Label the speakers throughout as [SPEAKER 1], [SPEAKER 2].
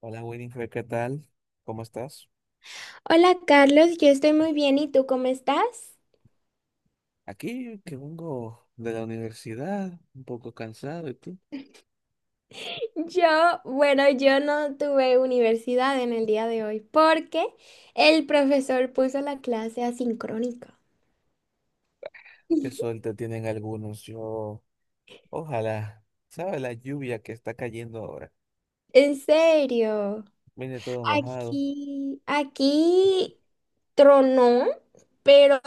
[SPEAKER 1] Hola Winifred, ¿qué tal? ¿Cómo estás?
[SPEAKER 2] Hola Carlos, yo estoy muy bien, ¿y tú cómo estás?
[SPEAKER 1] Aquí que vengo de la universidad, un poco cansado, ¿y tú?
[SPEAKER 2] Yo, bueno, yo no tuve universidad en el día de hoy porque el profesor puso la clase asincrónica.
[SPEAKER 1] Qué suerte tienen algunos. Yo, ojalá, ¿sabes la lluvia que está cayendo ahora?
[SPEAKER 2] En serio,
[SPEAKER 1] Viene todo mojado.
[SPEAKER 2] aquí tronó, pero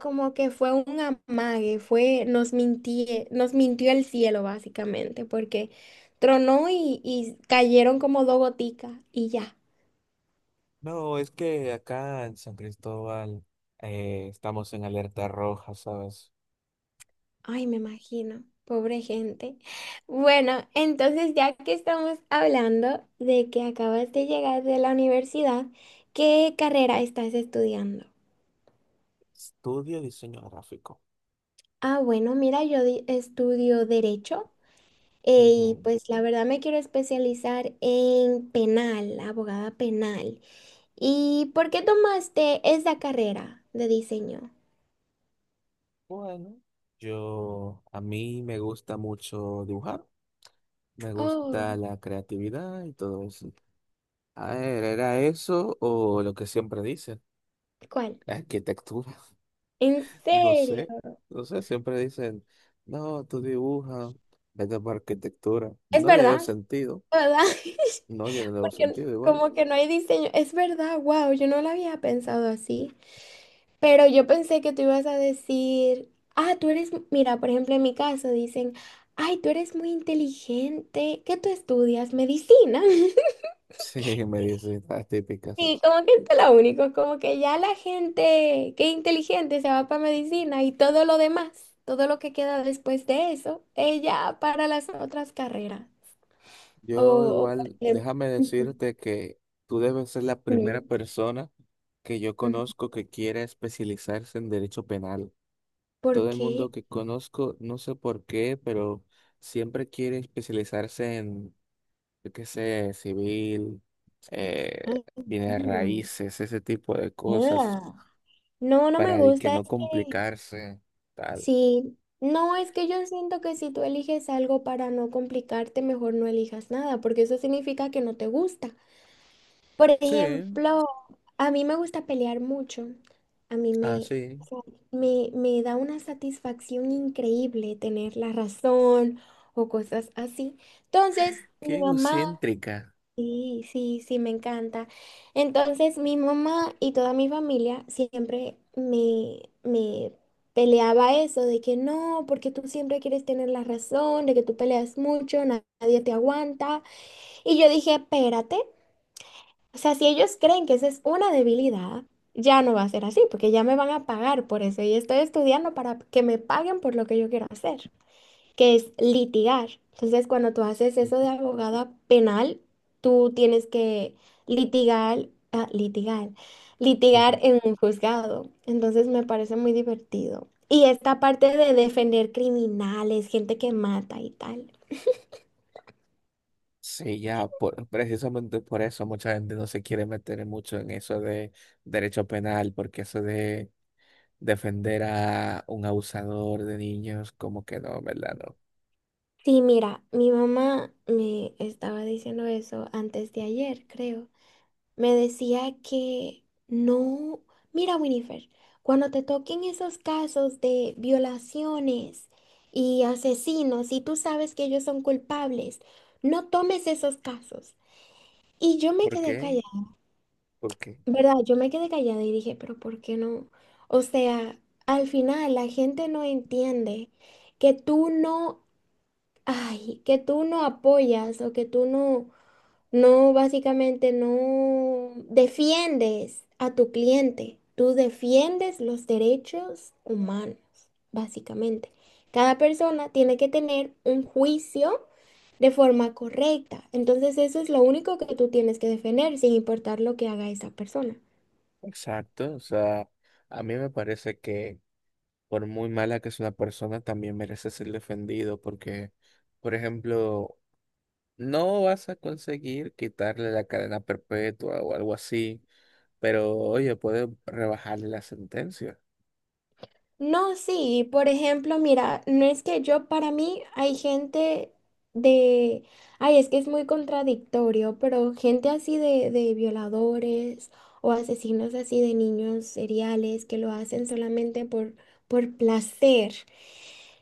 [SPEAKER 2] como que fue un amague, fue, nos mintió el cielo básicamente, porque tronó y cayeron como dos goticas y ya.
[SPEAKER 1] No, es que acá en San Cristóbal estamos en alerta roja, ¿sabes?
[SPEAKER 2] Ay, me imagino, pobre gente. Bueno, entonces ya que estamos hablando de que acabas de llegar de la universidad, ¿qué carrera estás estudiando?
[SPEAKER 1] Estudio diseño gráfico.
[SPEAKER 2] Ah, bueno, mira, estudio derecho, eh, y
[SPEAKER 1] Ujú.
[SPEAKER 2] pues la verdad me quiero especializar en penal, abogada penal. ¿Y por qué tomaste esa carrera de diseño?
[SPEAKER 1] Bueno, yo, a mí me gusta mucho dibujar, me gusta
[SPEAKER 2] Oh,
[SPEAKER 1] la creatividad y todo eso. A ver, ¿era eso o lo que siempre dicen?
[SPEAKER 2] ¿cuál?
[SPEAKER 1] La arquitectura.
[SPEAKER 2] ¿En
[SPEAKER 1] No
[SPEAKER 2] serio?
[SPEAKER 1] sé, no sé, siempre dicen, no, tú dibujas, vete por arquitectura.
[SPEAKER 2] ¿Es
[SPEAKER 1] No le veo
[SPEAKER 2] verdad?
[SPEAKER 1] sentido.
[SPEAKER 2] ¿Verdad?
[SPEAKER 1] No, yo no le veo
[SPEAKER 2] Porque
[SPEAKER 1] sentido igual.
[SPEAKER 2] como que no hay diseño. Es verdad, wow, yo no lo había pensado así. Pero yo pensé que tú ibas a decir, ah, tú eres, mira, por ejemplo, en mi caso dicen, ay, tú eres muy inteligente, ¿qué tú estudias? Medicina.
[SPEAKER 1] Sí, me dice las típicas. Sí.
[SPEAKER 2] Y como que esto es lo único, como que ya la gente que es inteligente se va para medicina y todo lo demás, todo lo que queda después de eso, ella para las otras carreras. O,
[SPEAKER 1] Yo
[SPEAKER 2] o-
[SPEAKER 1] igual, déjame decirte que tú debes ser la primera persona que yo
[SPEAKER 2] Ujú.
[SPEAKER 1] conozco que quiera especializarse en derecho penal.
[SPEAKER 2] ¿Por
[SPEAKER 1] Todo el mundo
[SPEAKER 2] qué?
[SPEAKER 1] que conozco, no sé por qué, pero siempre quiere especializarse en yo qué sé, civil, eh,
[SPEAKER 2] Ay, no,
[SPEAKER 1] bienes raíces, ese tipo de cosas,
[SPEAKER 2] ugh. No, no me
[SPEAKER 1] para de que
[SPEAKER 2] gusta. Es
[SPEAKER 1] no
[SPEAKER 2] que
[SPEAKER 1] complicarse, tal.
[SPEAKER 2] sí. No, es que yo siento que si tú eliges algo para no complicarte, mejor no elijas nada, porque eso significa que no te gusta. Por
[SPEAKER 1] Sí,
[SPEAKER 2] ejemplo, a mí me gusta pelear mucho. A mí me, o
[SPEAKER 1] así.
[SPEAKER 2] sea, me da una satisfacción increíble tener la razón o cosas así. Entonces,
[SPEAKER 1] Qué
[SPEAKER 2] mi mamá.
[SPEAKER 1] egocéntrica.
[SPEAKER 2] Sí, sí, sí, me encanta. Entonces, mi mamá y toda mi familia siempre me peleaba eso de que no, porque tú siempre quieres tener la razón, de que tú peleas mucho, nadie te aguanta. Y yo dije, espérate, o sea, si ellos creen que esa es una debilidad, ya no va a ser así, porque ya me van a pagar por eso y estoy estudiando para que me paguen por lo que yo quiero hacer, que es litigar. Entonces, cuando tú haces eso de
[SPEAKER 1] Ujú,
[SPEAKER 2] abogada penal, tú tienes que litigar, ah, litigar, litigar
[SPEAKER 1] ujú.
[SPEAKER 2] en un juzgado. Entonces, me parece muy divertido. Y esta parte de defender criminales, gente que mata y tal.
[SPEAKER 1] Sí, ya, precisamente por eso mucha gente no se quiere meter mucho en eso de derecho penal, porque eso de defender a un abusador de niños, como que no, ¿verdad? No.
[SPEAKER 2] Sí, mira, mi mamá me estaba diciendo eso antes de ayer, creo. Me decía que no, mira Winifred, cuando te toquen esos casos de violaciones y asesinos y tú sabes que ellos son culpables, no tomes esos casos. Y yo me
[SPEAKER 1] ¿Por
[SPEAKER 2] quedé
[SPEAKER 1] qué?
[SPEAKER 2] callada,
[SPEAKER 1] ¿Por qué?
[SPEAKER 2] ¿verdad? Yo me quedé callada y dije, pero ¿por qué no? O sea, al final la gente no entiende que tú no, ay, que tú no apoyas o que tú no... No, básicamente no defiendes a tu cliente, tú defiendes los derechos humanos, básicamente. Cada persona tiene que tener un juicio de forma correcta. Entonces eso es lo único que tú tienes que defender, sin importar lo que haga esa persona.
[SPEAKER 1] Exacto, o sea, a mí me parece que por muy mala que es una persona, también merece ser defendido porque, por ejemplo, no vas a conseguir quitarle la cadena perpetua o algo así, pero oye, puede rebajarle la sentencia.
[SPEAKER 2] No, sí, por ejemplo, mira, no es que yo, para mí hay gente de, ay, es que es muy contradictorio, pero gente así de violadores o asesinos así de niños seriales que lo hacen solamente por placer.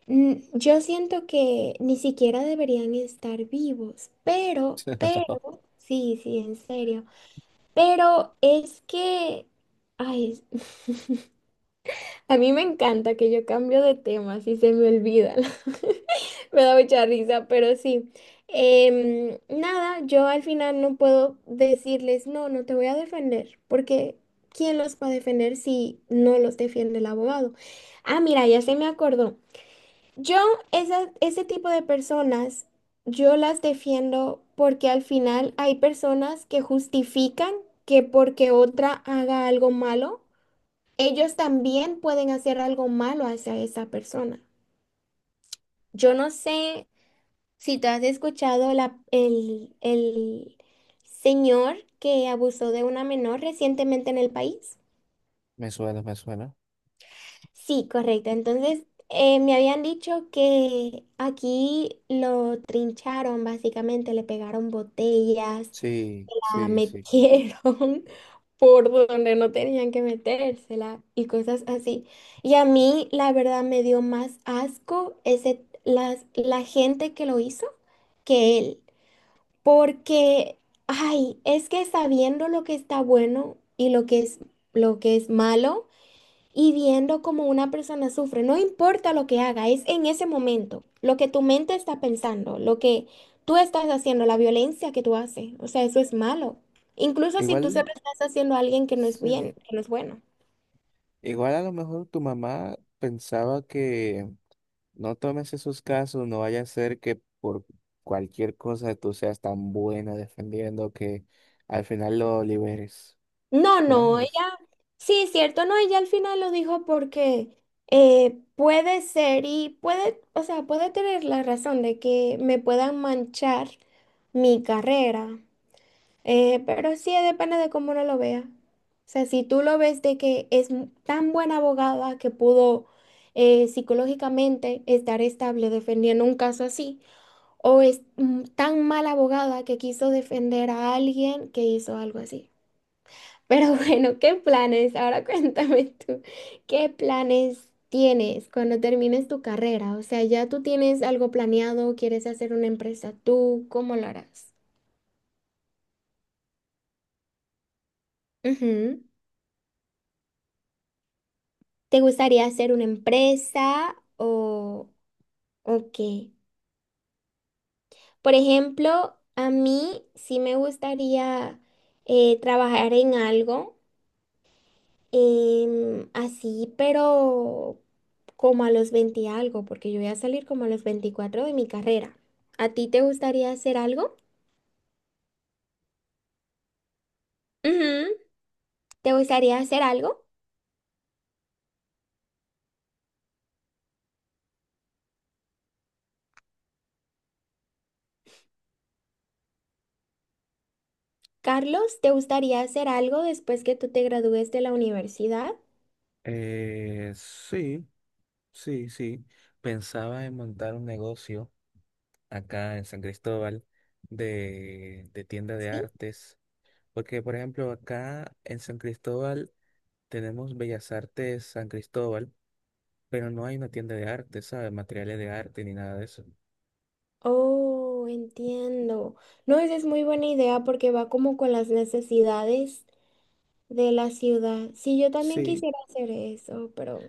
[SPEAKER 2] Yo siento que ni siquiera deberían estar vivos, pero, sí, sí, en serio, pero es que, ay, a mí me encanta que yo cambio de tema, si se me olvida. Me da mucha risa, pero sí. Nada, yo al final no puedo decirles, no, no te voy a defender, porque ¿quién los va a defender si no los defiende el abogado? Ah, mira, ya se me acordó. Yo, ese tipo de personas, yo las defiendo porque al final hay personas que justifican que porque otra haga algo malo ellos también pueden hacer algo malo hacia esa persona. Yo no sé si tú has escuchado el señor que abusó de una menor recientemente en el país.
[SPEAKER 1] Me suena, me suena.
[SPEAKER 2] Sí, correcto. Entonces, me habían dicho que aquí lo trincharon, básicamente, le pegaron botellas,
[SPEAKER 1] Sí,
[SPEAKER 2] la
[SPEAKER 1] sí, sí.
[SPEAKER 2] metieron por donde no tenían que metérsela y cosas así. Y a mí, la verdad, me dio más asco ese, las, la gente que lo hizo que él. Porque, ay, es que sabiendo lo que está bueno y lo que es malo, y viendo cómo una persona sufre, no importa lo que haga, es en ese momento, lo que tu mente está pensando, lo que tú estás haciendo, la violencia que tú haces, o sea, eso es malo. Incluso si tú se lo
[SPEAKER 1] Igual,
[SPEAKER 2] estás haciendo a alguien que no es
[SPEAKER 1] sí.
[SPEAKER 2] bien, que no es bueno.
[SPEAKER 1] Igual a lo mejor tu mamá pensaba que no tomes esos casos, no vaya a ser que por cualquier cosa tú seas tan buena defendiendo que al final lo liberes.
[SPEAKER 2] No,
[SPEAKER 1] ¿Te
[SPEAKER 2] no, ella,
[SPEAKER 1] imaginas?
[SPEAKER 2] sí, es cierto, no, ella al final lo dijo porque puede ser y puede, o sea, puede tener la razón de que me puedan manchar mi carrera. Pero sí, depende de cómo uno lo vea. O sea, si tú lo ves de que es tan buena abogada que pudo, psicológicamente estar estable defendiendo un caso así, o es tan mala abogada que quiso defender a alguien que hizo algo así. Pero bueno, ¿qué planes? Ahora cuéntame tú, ¿qué planes tienes cuando termines tu carrera? O sea, ¿ya tú tienes algo planeado? ¿Quieres hacer una empresa tú? ¿Cómo lo harás? Ujú. ¿Te gustaría hacer una empresa o qué? Por ejemplo, a mí sí me gustaría, trabajar en algo, así, pero como a los 20 y algo, porque yo voy a salir como a los 24 de mi carrera. ¿A ti te gustaría hacer algo? Ujú. ¿Te gustaría hacer algo? Carlos, ¿te gustaría hacer algo después que tú te gradúes de la universidad?
[SPEAKER 1] Sí, sí, sí. Pensaba en montar un negocio acá en San Cristóbal de tienda de
[SPEAKER 2] Sí.
[SPEAKER 1] artes, porque por ejemplo acá en San Cristóbal tenemos Bellas Artes San Cristóbal, pero no hay una tienda de arte, ¿sabes? Materiales de arte ni nada de eso.
[SPEAKER 2] Oh, entiendo. No, esa es muy buena idea porque va como con las necesidades de la ciudad. Sí, yo también
[SPEAKER 1] Sí,
[SPEAKER 2] quisiera hacer eso, pero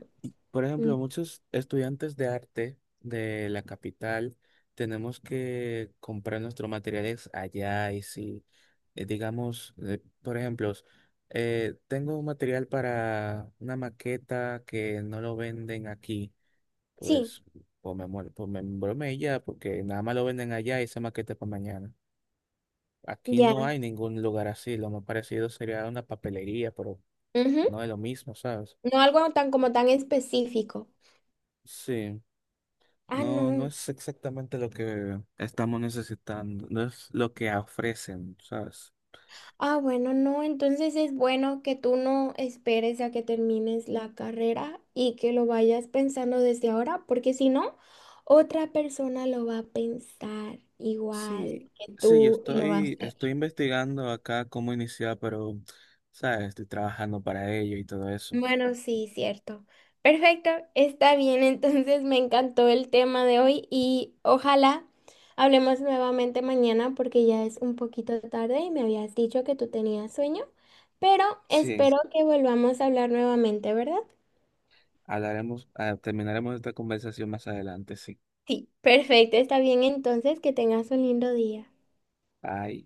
[SPEAKER 1] por
[SPEAKER 2] mm,
[SPEAKER 1] ejemplo, muchos estudiantes de arte de la capital tenemos que comprar nuestros materiales allá y si, digamos, por ejemplo, tengo un material para una maqueta que no lo venden aquí,
[SPEAKER 2] sí,
[SPEAKER 1] pues, pues me muero, pues me embromé y ya, porque nada más lo venden allá y esa maqueta es para mañana. Aquí
[SPEAKER 2] ya.
[SPEAKER 1] no hay ningún lugar así, lo más parecido sería una papelería, pero
[SPEAKER 2] Ujú.
[SPEAKER 1] no es lo mismo, ¿sabes?
[SPEAKER 2] No algo tan como tan específico.
[SPEAKER 1] Sí.
[SPEAKER 2] Ah,
[SPEAKER 1] No, no
[SPEAKER 2] no.
[SPEAKER 1] es exactamente lo que estamos necesitando, no es lo que ofrecen, ¿sabes?
[SPEAKER 2] Ah, bueno, no. Entonces es bueno que tú no esperes a que termines la carrera y que lo vayas pensando desde ahora, porque si no, otra persona lo va a pensar
[SPEAKER 1] Sí,
[SPEAKER 2] igual que
[SPEAKER 1] sí, yo
[SPEAKER 2] tú y lo va a
[SPEAKER 1] estoy,
[SPEAKER 2] hacer.
[SPEAKER 1] estoy investigando acá cómo iniciar, pero, ¿sabes? Estoy trabajando para ello y todo eso.
[SPEAKER 2] Bueno, sí, cierto. Perfecto, está bien. Entonces me encantó el tema de hoy y ojalá hablemos nuevamente mañana porque ya es un poquito tarde y me habías dicho que tú tenías sueño, pero
[SPEAKER 1] Sí,
[SPEAKER 2] espero que volvamos a hablar nuevamente, ¿verdad?
[SPEAKER 1] hablaremos, terminaremos esta conversación más adelante, sí.
[SPEAKER 2] Sí, perfecto, está bien entonces, que tengas un lindo día.
[SPEAKER 1] Bye.